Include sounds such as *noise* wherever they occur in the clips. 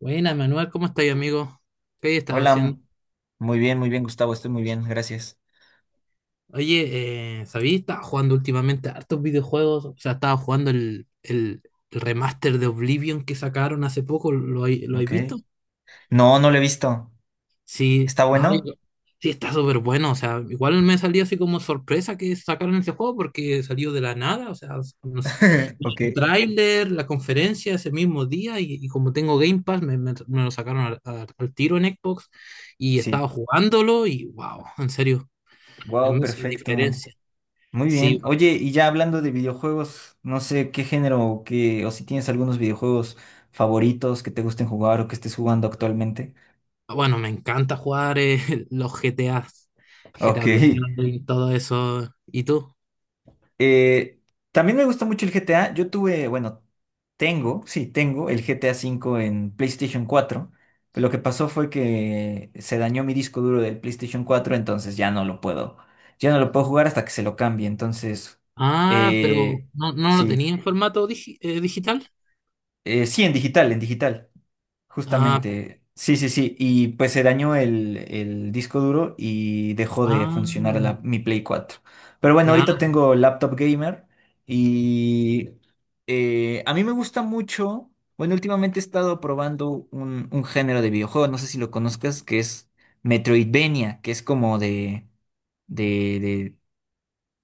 Buena, Manuel, ¿cómo estáis, amigo? ¿Qué hay estado Hola, haciendo? Muy bien, Gustavo, estoy muy bien, gracias. Oye, ¿sabías? Estaba jugando últimamente hartos videojuegos. O sea, estaba jugando el remaster de Oblivion que sacaron hace poco. Lo habéis Ok. visto? No, no lo he visto. Sí, ¿Está no, bueno? yo- sí, está súper bueno. O sea, igual me salió así como sorpresa que sacaron ese juego porque salió de la nada. O sea, no sé, *laughs* el Ok. tráiler, la conferencia ese mismo día. Y, como tengo Game Pass, me lo sacaron al tiro en Xbox. Y Sí. estaba jugándolo y wow, en serio. Es Wow, más, sin perfecto. diferencia. Muy Sí, bien. Oye, y ya hablando de videojuegos, no sé qué género o qué, o si tienes algunos videojuegos favoritos que te gusten jugar o que estés jugando actualmente. bueno, me encanta jugar *laughs* los GTA, GTA Ok. Online, todo eso. ¿Y tú? Eh, También me gusta mucho el GTA. Yo tuve, bueno, tengo, sí, tengo el GTA cinco en PlayStation cuatro. Pero lo que pasó fue que se dañó mi disco duro del PlayStation cuatro, entonces ya no lo puedo jugar hasta que se lo cambie. Entonces, Ah, pero eh, no, no lo tenía sí, en formato digital. Sí, en digital, Ah, justamente. Sí, sí, sí. Y pues se dañó el disco duro y dejó de funcionar ah, mi Play cuatro. Pero bueno, ahorita ya. tengo laptop gamer. Y a mí me gusta mucho, bueno, últimamente he estado probando un género de videojuego, no sé si lo conozcas, que es Metroidvania, que es como de, de,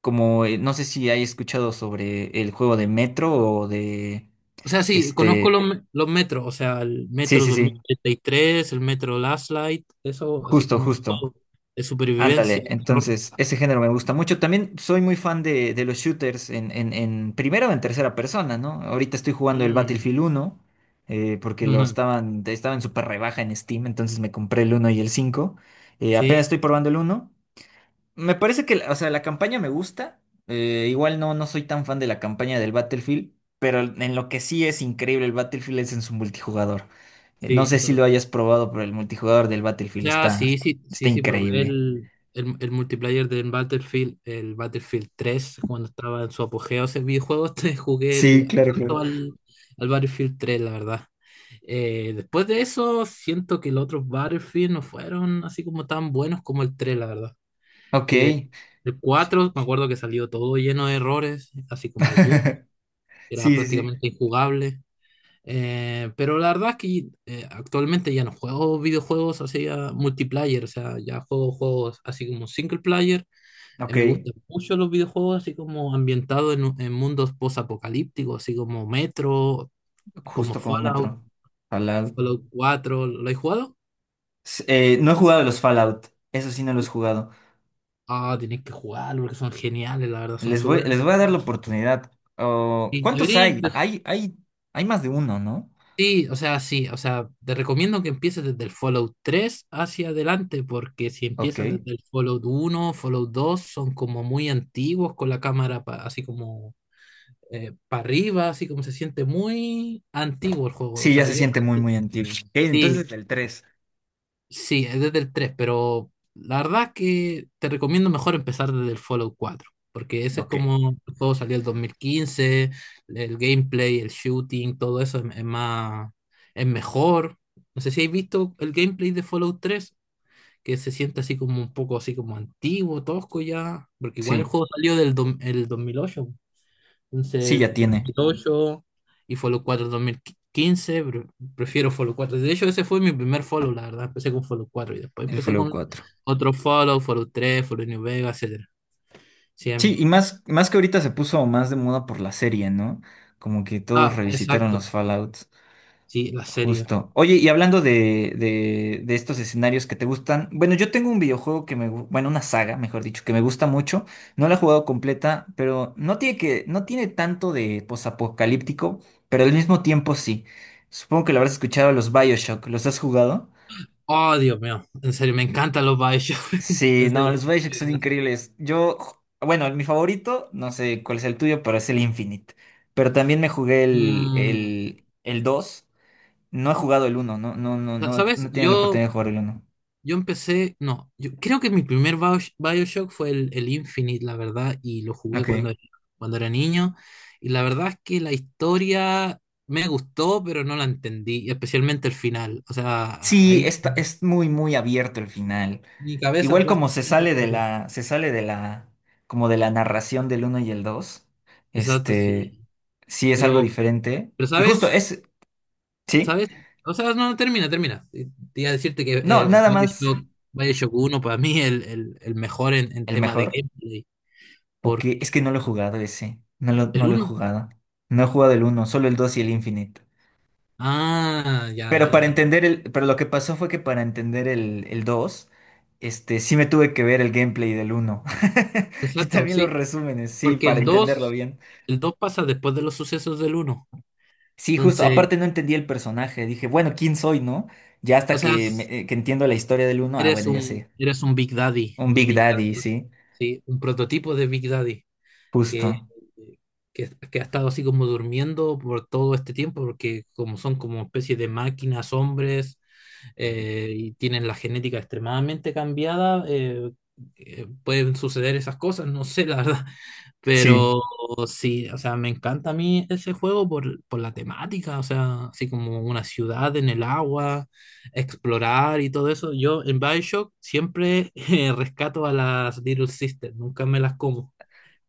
como, no sé si hay escuchado sobre el juego de Metro o de, O sea, sí, conozco este, los metros, o sea, el sí, Metro sí, dos mil sí, treinta y tres, el Metro Last Light, eso, así justo, como eso justo. de supervivencia, Ándale, terror. entonces ese género me gusta mucho. También soy muy fan de los shooters en, en primera o en tercera persona, ¿no? Ahorita estoy jugando el Mm, Battlefield uno, *laughs* porque lo ujú. estaban, estaba en súper rebaja en Steam, entonces me compré el uno y el cinco. Sí, Apenas estoy probando el uno. Me parece que, o sea, la campaña me gusta. Igual no, no soy tan fan de la campaña del Battlefield, pero en lo que sí es increíble el Battlefield es en su multijugador. No sí. sé si lo hayas probado, pero el multijugador del Battlefield Ya, está, sí, sí, está sí, sí, probé increíble. El multiplayer del Battlefield, el Battlefield tres cuando estaba en su apogeo ese videojuego, *laughs* te jugué el, Sí, claro, harto claro. Al Battlefield tres la verdad. Después de eso, siento que los otros Battlefield no fueron así como tan buenos como el 3 la verdad. Ok. Eh, el 4 me acuerdo que salió todo lleno de errores, así como boot, *laughs* era Sí, sí, sí. prácticamente injugable. Pero la verdad es que actualmente ya no juego videojuegos así a multiplayer, o sea, ya juego juegos así como single player. Ok. Me gustan mucho los videojuegos así como ambientados en mundos post-apocalípticos, así como Metro, como Justo como Fallout, metro. Fallout. Fallout cuatro. ¿Lo has jugado? No he jugado los Fallout. Eso sí, no los he jugado. Ah, tenéis que jugarlo porque son geniales, la verdad, son Les voy, súper. les voy a dar la oportunidad. Oh, Y ¿cuántos debería. hay? Ah, hay más de uno, ¿no? Sí, o sea, te recomiendo que empieces desde el Fallout tres hacia adelante, porque si empiezas Ok. desde el Fallout uno, Fallout dos, son como muy antiguos con la cámara así como para arriba, así como se siente muy antiguo el juego. O Sí, ya sea, se yo siente muy, muy antiguo. Ok, sí. entonces el 3. Sí, es desde el 3, pero la verdad que te recomiendo mejor empezar desde el Fallout cuatro, porque ese es Ok. como, el juego salió el 2015, el gameplay, el shooting, todo eso es más, es mejor. No sé si habéis visto el gameplay de Fallout tres, que se siente así como un poco así como antiguo, tosco ya, porque igual el Sí. juego salió el 2008. Sí, Entonces, ya tiene 2008 y Follow 4 2015, pero prefiero Follow cuatro. De hecho, ese fue mi primer Follow, la verdad. Empecé con Follow cuatro y después el empecé Fallout con cuatro. otro Follow, Follow tres, Follow New Vegas, etcétera. Sí, Sí, amigo. y más, más que ahorita se puso más de moda por la serie, ¿no? Como que todos Ah, revisitaron exacto. los Fallouts. Sí, la serie. Justo. Oye, y hablando de estos escenarios que te gustan, bueno, yo tengo un videojuego que me, bueno, una saga, mejor dicho, que me gusta mucho. No la he jugado completa, pero no tiene tanto de posapocalíptico, pero al mismo tiempo sí. Supongo que lo habrás escuchado, los BioShock. ¿Los has jugado? Oh, Dios mío. En serio, me encantan los Bioshock. *laughs* Sí, En no, serio. los BioShock son increíbles. Yo, bueno, mi favorito, no sé cuál es el tuyo, pero es el Infinite. Pero también me jugué el, Mm, el, el dos. No he jugado el uno, no, no, no, no, no ¿sabes? he tenido la Yo oportunidad de jugar el uno. Yo empecé, no, yo creo que mi primer BioShock fue el Infinite, la verdad, y lo jugué Ok. cuando, cuando era niño. Y la verdad es que la historia me gustó, pero no la entendí, y especialmente el final. O sea, Sí, ahí está, es muy, muy abierto el final. mi cabeza Igual como se plásticamente sale de explotó. la, se sale de la, como de la narración del uno y el 2, Exacto, este, sí. sí es algo Pero, diferente. pero Y justo sabes, es, sí, sabes, o sea, no, termina, termina. Te iba a decirte que no, nada más BioShock, BioShock uno para mí el mejor en el tema de mejor. gameplay, O que porque es que no lo he jugado ese, no lo, no el lo he uno. jugado. No he jugado el uno, solo el 2 y el Infinite. Ah, ya, Pero dale, para dale. entender el, pero lo que pasó fue que para entender el 2, este, sí me tuve que ver el gameplay del uno. *laughs* Y Exacto, también los sí, resúmenes, sí, porque para entenderlo bien. el 2 pasa después de los sucesos del uno. Sí, justo, Entonces, aparte no entendí el personaje, dije, bueno, ¿quién soy, no? Ya o hasta sea, que, que entiendo la historia del uno. Ah, bueno, ya sé. eres Un un Big Big Daddy, Daddy, sí, sí, un prototipo de Big Daddy que, justo. Que ha estado así como durmiendo por todo este tiempo, porque como son como especie de máquinas, hombres, y tienen la genética extremadamente cambiada, pueden suceder esas cosas, no sé, la verdad. *laughs* Sí. Pero sí, o sea, me encanta a mí ese juego por la temática, o sea, así como una ciudad en el agua, explorar y todo eso. Yo en BioShock siempre *laughs* rescato a las Little Sisters, nunca me las como.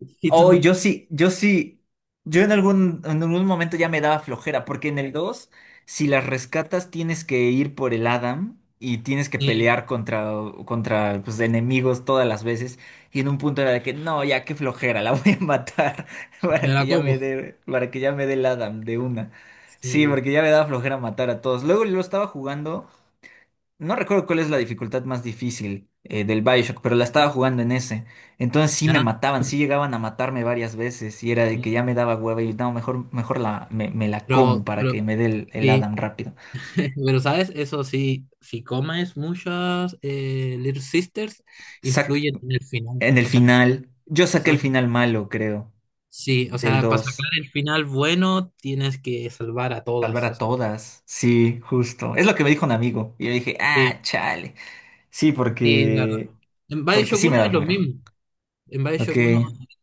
*laughs* ¿Y Oh, tú? yo sí, yo sí, yo en algún momento ya me daba flojera, porque en el dos, si las rescatas, tienes que ir por el Adam y tienes que Sí, pelear contra pues, enemigos todas las veces. Y en un punto era de que, no, ya qué flojera, la *laughs* voy a matar *laughs* me para que la ya me como. dé, para que ya me dé el Adam de una. Sí, Sí, porque ya me daba flojera matar a todos. Luego lo estaba jugando. No recuerdo cuál es la dificultad más difícil del Bioshock, pero la estaba jugando en ese. Entonces sí me ya. mataban, sí llegaban a matarme varias veces y era de que ya me daba hueva y no, mejor, mejor me la como para Pero, que me dé el sí, Adam rápido. pero, ¿sabes? Eso sí, si comes muchas Little Sisters, Sac influyen en el final. En el O sea, final, yo saqué el exacto. final malo, creo, Sí, o del sea, para dos. sacar el final bueno, tienes que salvar a Salvar todas. O a sea, todas, sí, justo. Es lo que me dijo un amigo. Y yo dije, ah, sí, chale. Sí, sí, la verdad. porque, En porque BioShock sí me uno da es lo flojera. mismo. En Ok, BioShock uno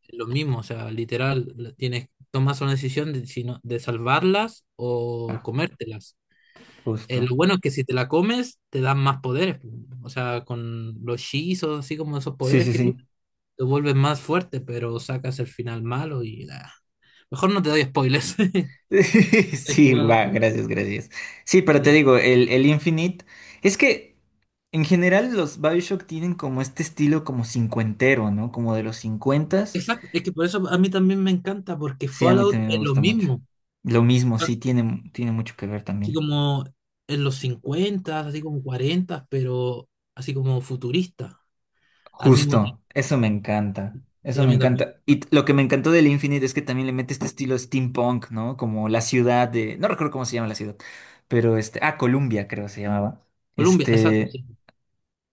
es lo mismo. O sea, literal, tienes, tomas una decisión de, de salvarlas o ah, comértelas. Lo justo. bueno es que si te la comes, te dan más poderes. O sea, con los hechizos, así como esos Sí, poderes sí, que tienes, sí. te vuelves más fuerte, pero sacas el final malo y ah, mejor no te doy spoilers. *laughs* *laughs* He Sí, va, jugado, gracias, gracias. Sí, pero te sí. digo, el Infinite, es que en general los BioShock tienen como este estilo como cincuentero, ¿no? Como de los cincuentas. Exacto, es que por eso a mí también me encanta, porque Sí, a mí Fallout también me es lo gusta mucho. mismo. Lo mismo, sí, tiene mucho que ver Así también. como en los 50, así como 40, pero así como futurista, al mismo tiempo. Justo, eso me encanta, Sí, eso a me mí también. encanta. Y lo que me encantó del Infinite es que también le mete este estilo steampunk, ¿no? Como la ciudad de, no recuerdo cómo se llama la ciudad, pero este, ah, Columbia creo se llamaba. Colombia, exacto, Este. sí.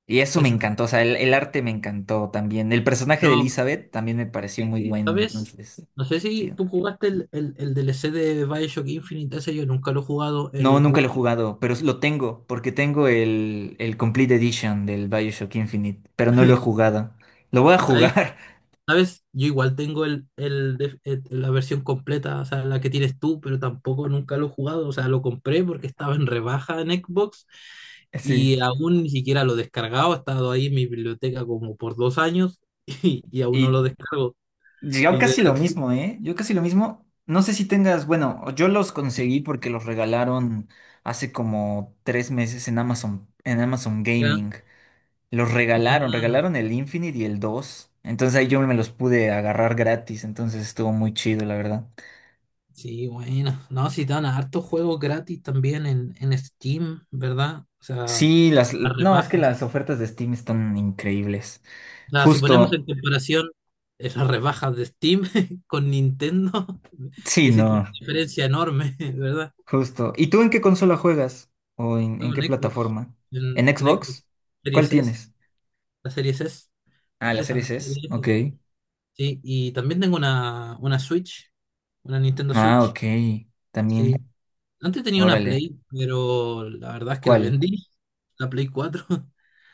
Y eso me encantó, Exacto. o sea, el arte me encantó también. El personaje de Pero, Elizabeth también me pareció muy bueno, ¿sabes? entonces, No sé si chido. tú jugaste el DLC de Bioshock Infinite, ese yo nunca lo he jugado, No, el nunca lo he Bullet. jugado, pero lo tengo, porque tengo el Complete Edition del BioShock Infinite, pero no lo he jugado. Lo voy a jugar, ¿Sabes? Yo igual tengo la versión completa, o sea, la que tienes tú, pero tampoco nunca lo he jugado. O sea, lo compré porque estaba en rebaja en Xbox *laughs* sí. y aún ni siquiera lo he descargado. Ha estado ahí en mi biblioteca como por dos años *laughs* y aún no lo Y descargo. yo Y de casi lo mismo, ¿eh? Yo casi lo mismo. No sé si tengas, bueno, yo los conseguí porque los regalaron hace como 3 meses en Amazon verdad, Gaming. Los regalaron, ah, regalaron el Infinite y el dos. Entonces ahí yo me los pude agarrar gratis, entonces estuvo muy chido, la verdad. sí, bueno. No, si dan hartos juegos gratis también en Steam, ¿verdad? O sea, Sí, las. a No, es que rebaja. las ofertas de Steam están increíbles. Sea, si ponemos en Justo, comparación las rebajas de Steam *laughs* con Nintendo, *laughs* sí, existe no, una diferencia enorme, *laughs* ¿verdad? justo. ¿Y tú en qué consola juegas? ¿O en, Juego qué plataforma? ¿En en Xbox Xbox? ¿Cuál Series S, tienes? la Series S, Ah, la esa, Series S. Series Ok. S. Sí, y también tengo una Switch, una Nintendo Ah, Switch, ok. sí. También. Antes tenía una Órale. Play, pero la verdad es que la ¿Cuál? vendí, la Play cuatro. *laughs*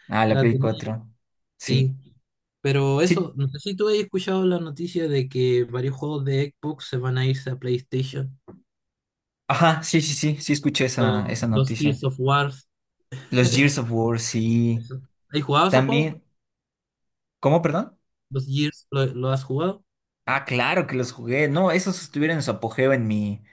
Ah, la La Play tenía. cuatro. Sí. Sí, pero Sí. eso, no sé si tú has escuchado la noticia de que varios juegos de Xbox se van a irse a PlayStation. Ajá, sí, sí, sí, sí escuché esa, Lo- esa los noticia. Gears of War, Los Gears of War, sí. eso. ¿Has jugado esos juegos? También. ¿Cómo, perdón? ¿Los Gears lo has jugado? Ah, claro que los jugué. No, esos estuvieron en su apogeo en mi,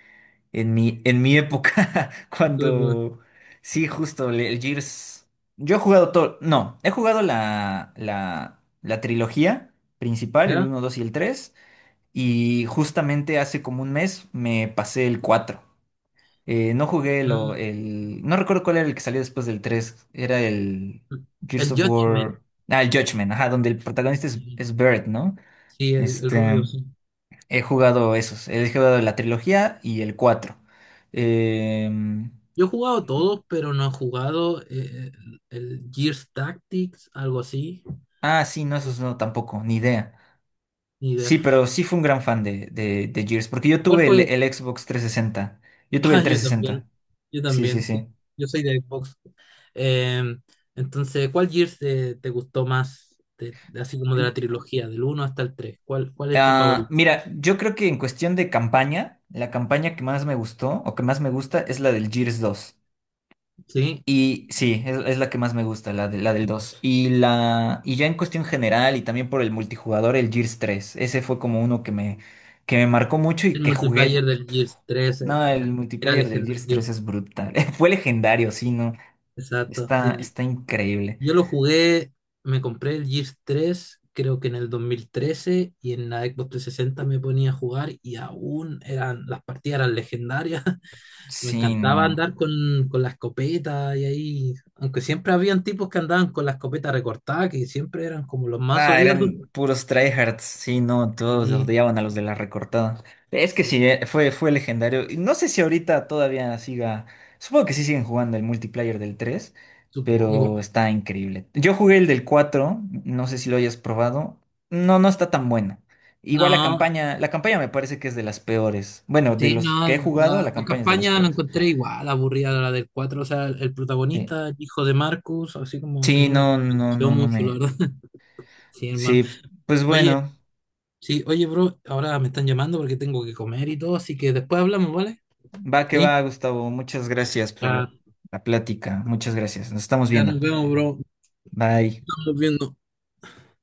en mi época. *laughs* Tú, pues, Cuando. Sí, justo, el Gears. Yo he jugado todo. No, he jugado la, la trilogía principal, el ¿ya? uno 2 y el tres. Y justamente hace como un mes me pasé el cuatro. No jugué lo, Mm, el... No recuerdo cuál era el que salió después del tres. Era el mm, Gears el of Judgment. War. Ah, el Judgment, ajá, donde el protagonista es, Sí, es Barrett, ¿no? sí, el rubio, Este, sí. he jugado esos. He jugado la trilogía y el cuatro. Em, Yo he jugado todos, pero no he jugado el Gears Tactics, algo así. ah, sí, no, esos no, tampoco, ni idea. Ni idea. Sí, pero sí fue un gran fan de Gears, porque yo ¿Cuál tuve el, fue? el Xbox 360. Yo tuve el Ah, trescientos sesenta yo Sí, sí, también, sí. sí. Yo soy de Xbox. Em, entonces, ¿cuál Gears te gustó más? Así como de la trilogía, del uno hasta el tres. ¿Cuál, cuál es tu Ah, favorito? mira, yo creo que en cuestión de campaña, la campaña que más me gustó o que más me gusta es la del Gears 2. Sí, Y sí, es la que más me gusta, la del 2. Y ya en cuestión general y también por el multijugador, el Gears 3. Ese fue como uno que me marcó mucho y el que multiplayer jugué. del Gears 3 No, era, el era multiplayer del Gears legendario. 3 es brutal. *laughs* Fue legendario, sí, no. Exacto, Está, sí. está increíble. Yo lo jugué, me compré el Gears 3 creo que en el 2013 y en la Xbox 360 me ponía a jugar y aún eran, las partidas eran legendarias. Me Sí, encantaba no. andar con la escopeta y ahí, aunque siempre habían tipos que andaban con la escopeta recortada, que siempre eran como los más Ah, odiosos. eran puros tryhards, sí, no, todos Y odiaban a los de la recortada. Es que sí, sí, fue legendario. Y no sé si ahorita todavía siga, supongo que sí siguen jugando el multiplayer del 3, supongo. pero está increíble. Yo jugué el del 4, no sé si lo hayas probado. No, no está tan bueno. Igual No, la campaña me parece que es de las peores. Bueno, de sí, los no, que he jugado, la, la la campaña es de las campaña la peores. encontré igual, aburrida la del cuatro, o sea, el Sí. protagonista, el hijo de Marcus, así como que Sí, no me no, no, convenció no, no mucho, la me. verdad. *laughs* Sí, hermano. Sí, pues Oye, bueno. sí, oye, bro, ahora me están llamando porque tengo que comer y todo, así que después hablamos, ¿vale? Va que Ahí. va, Gustavo. Muchas gracias por Ya, la plática. Muchas gracias. Nos estamos ya viendo. nos vemos, bro. Bye. Estamos viendo.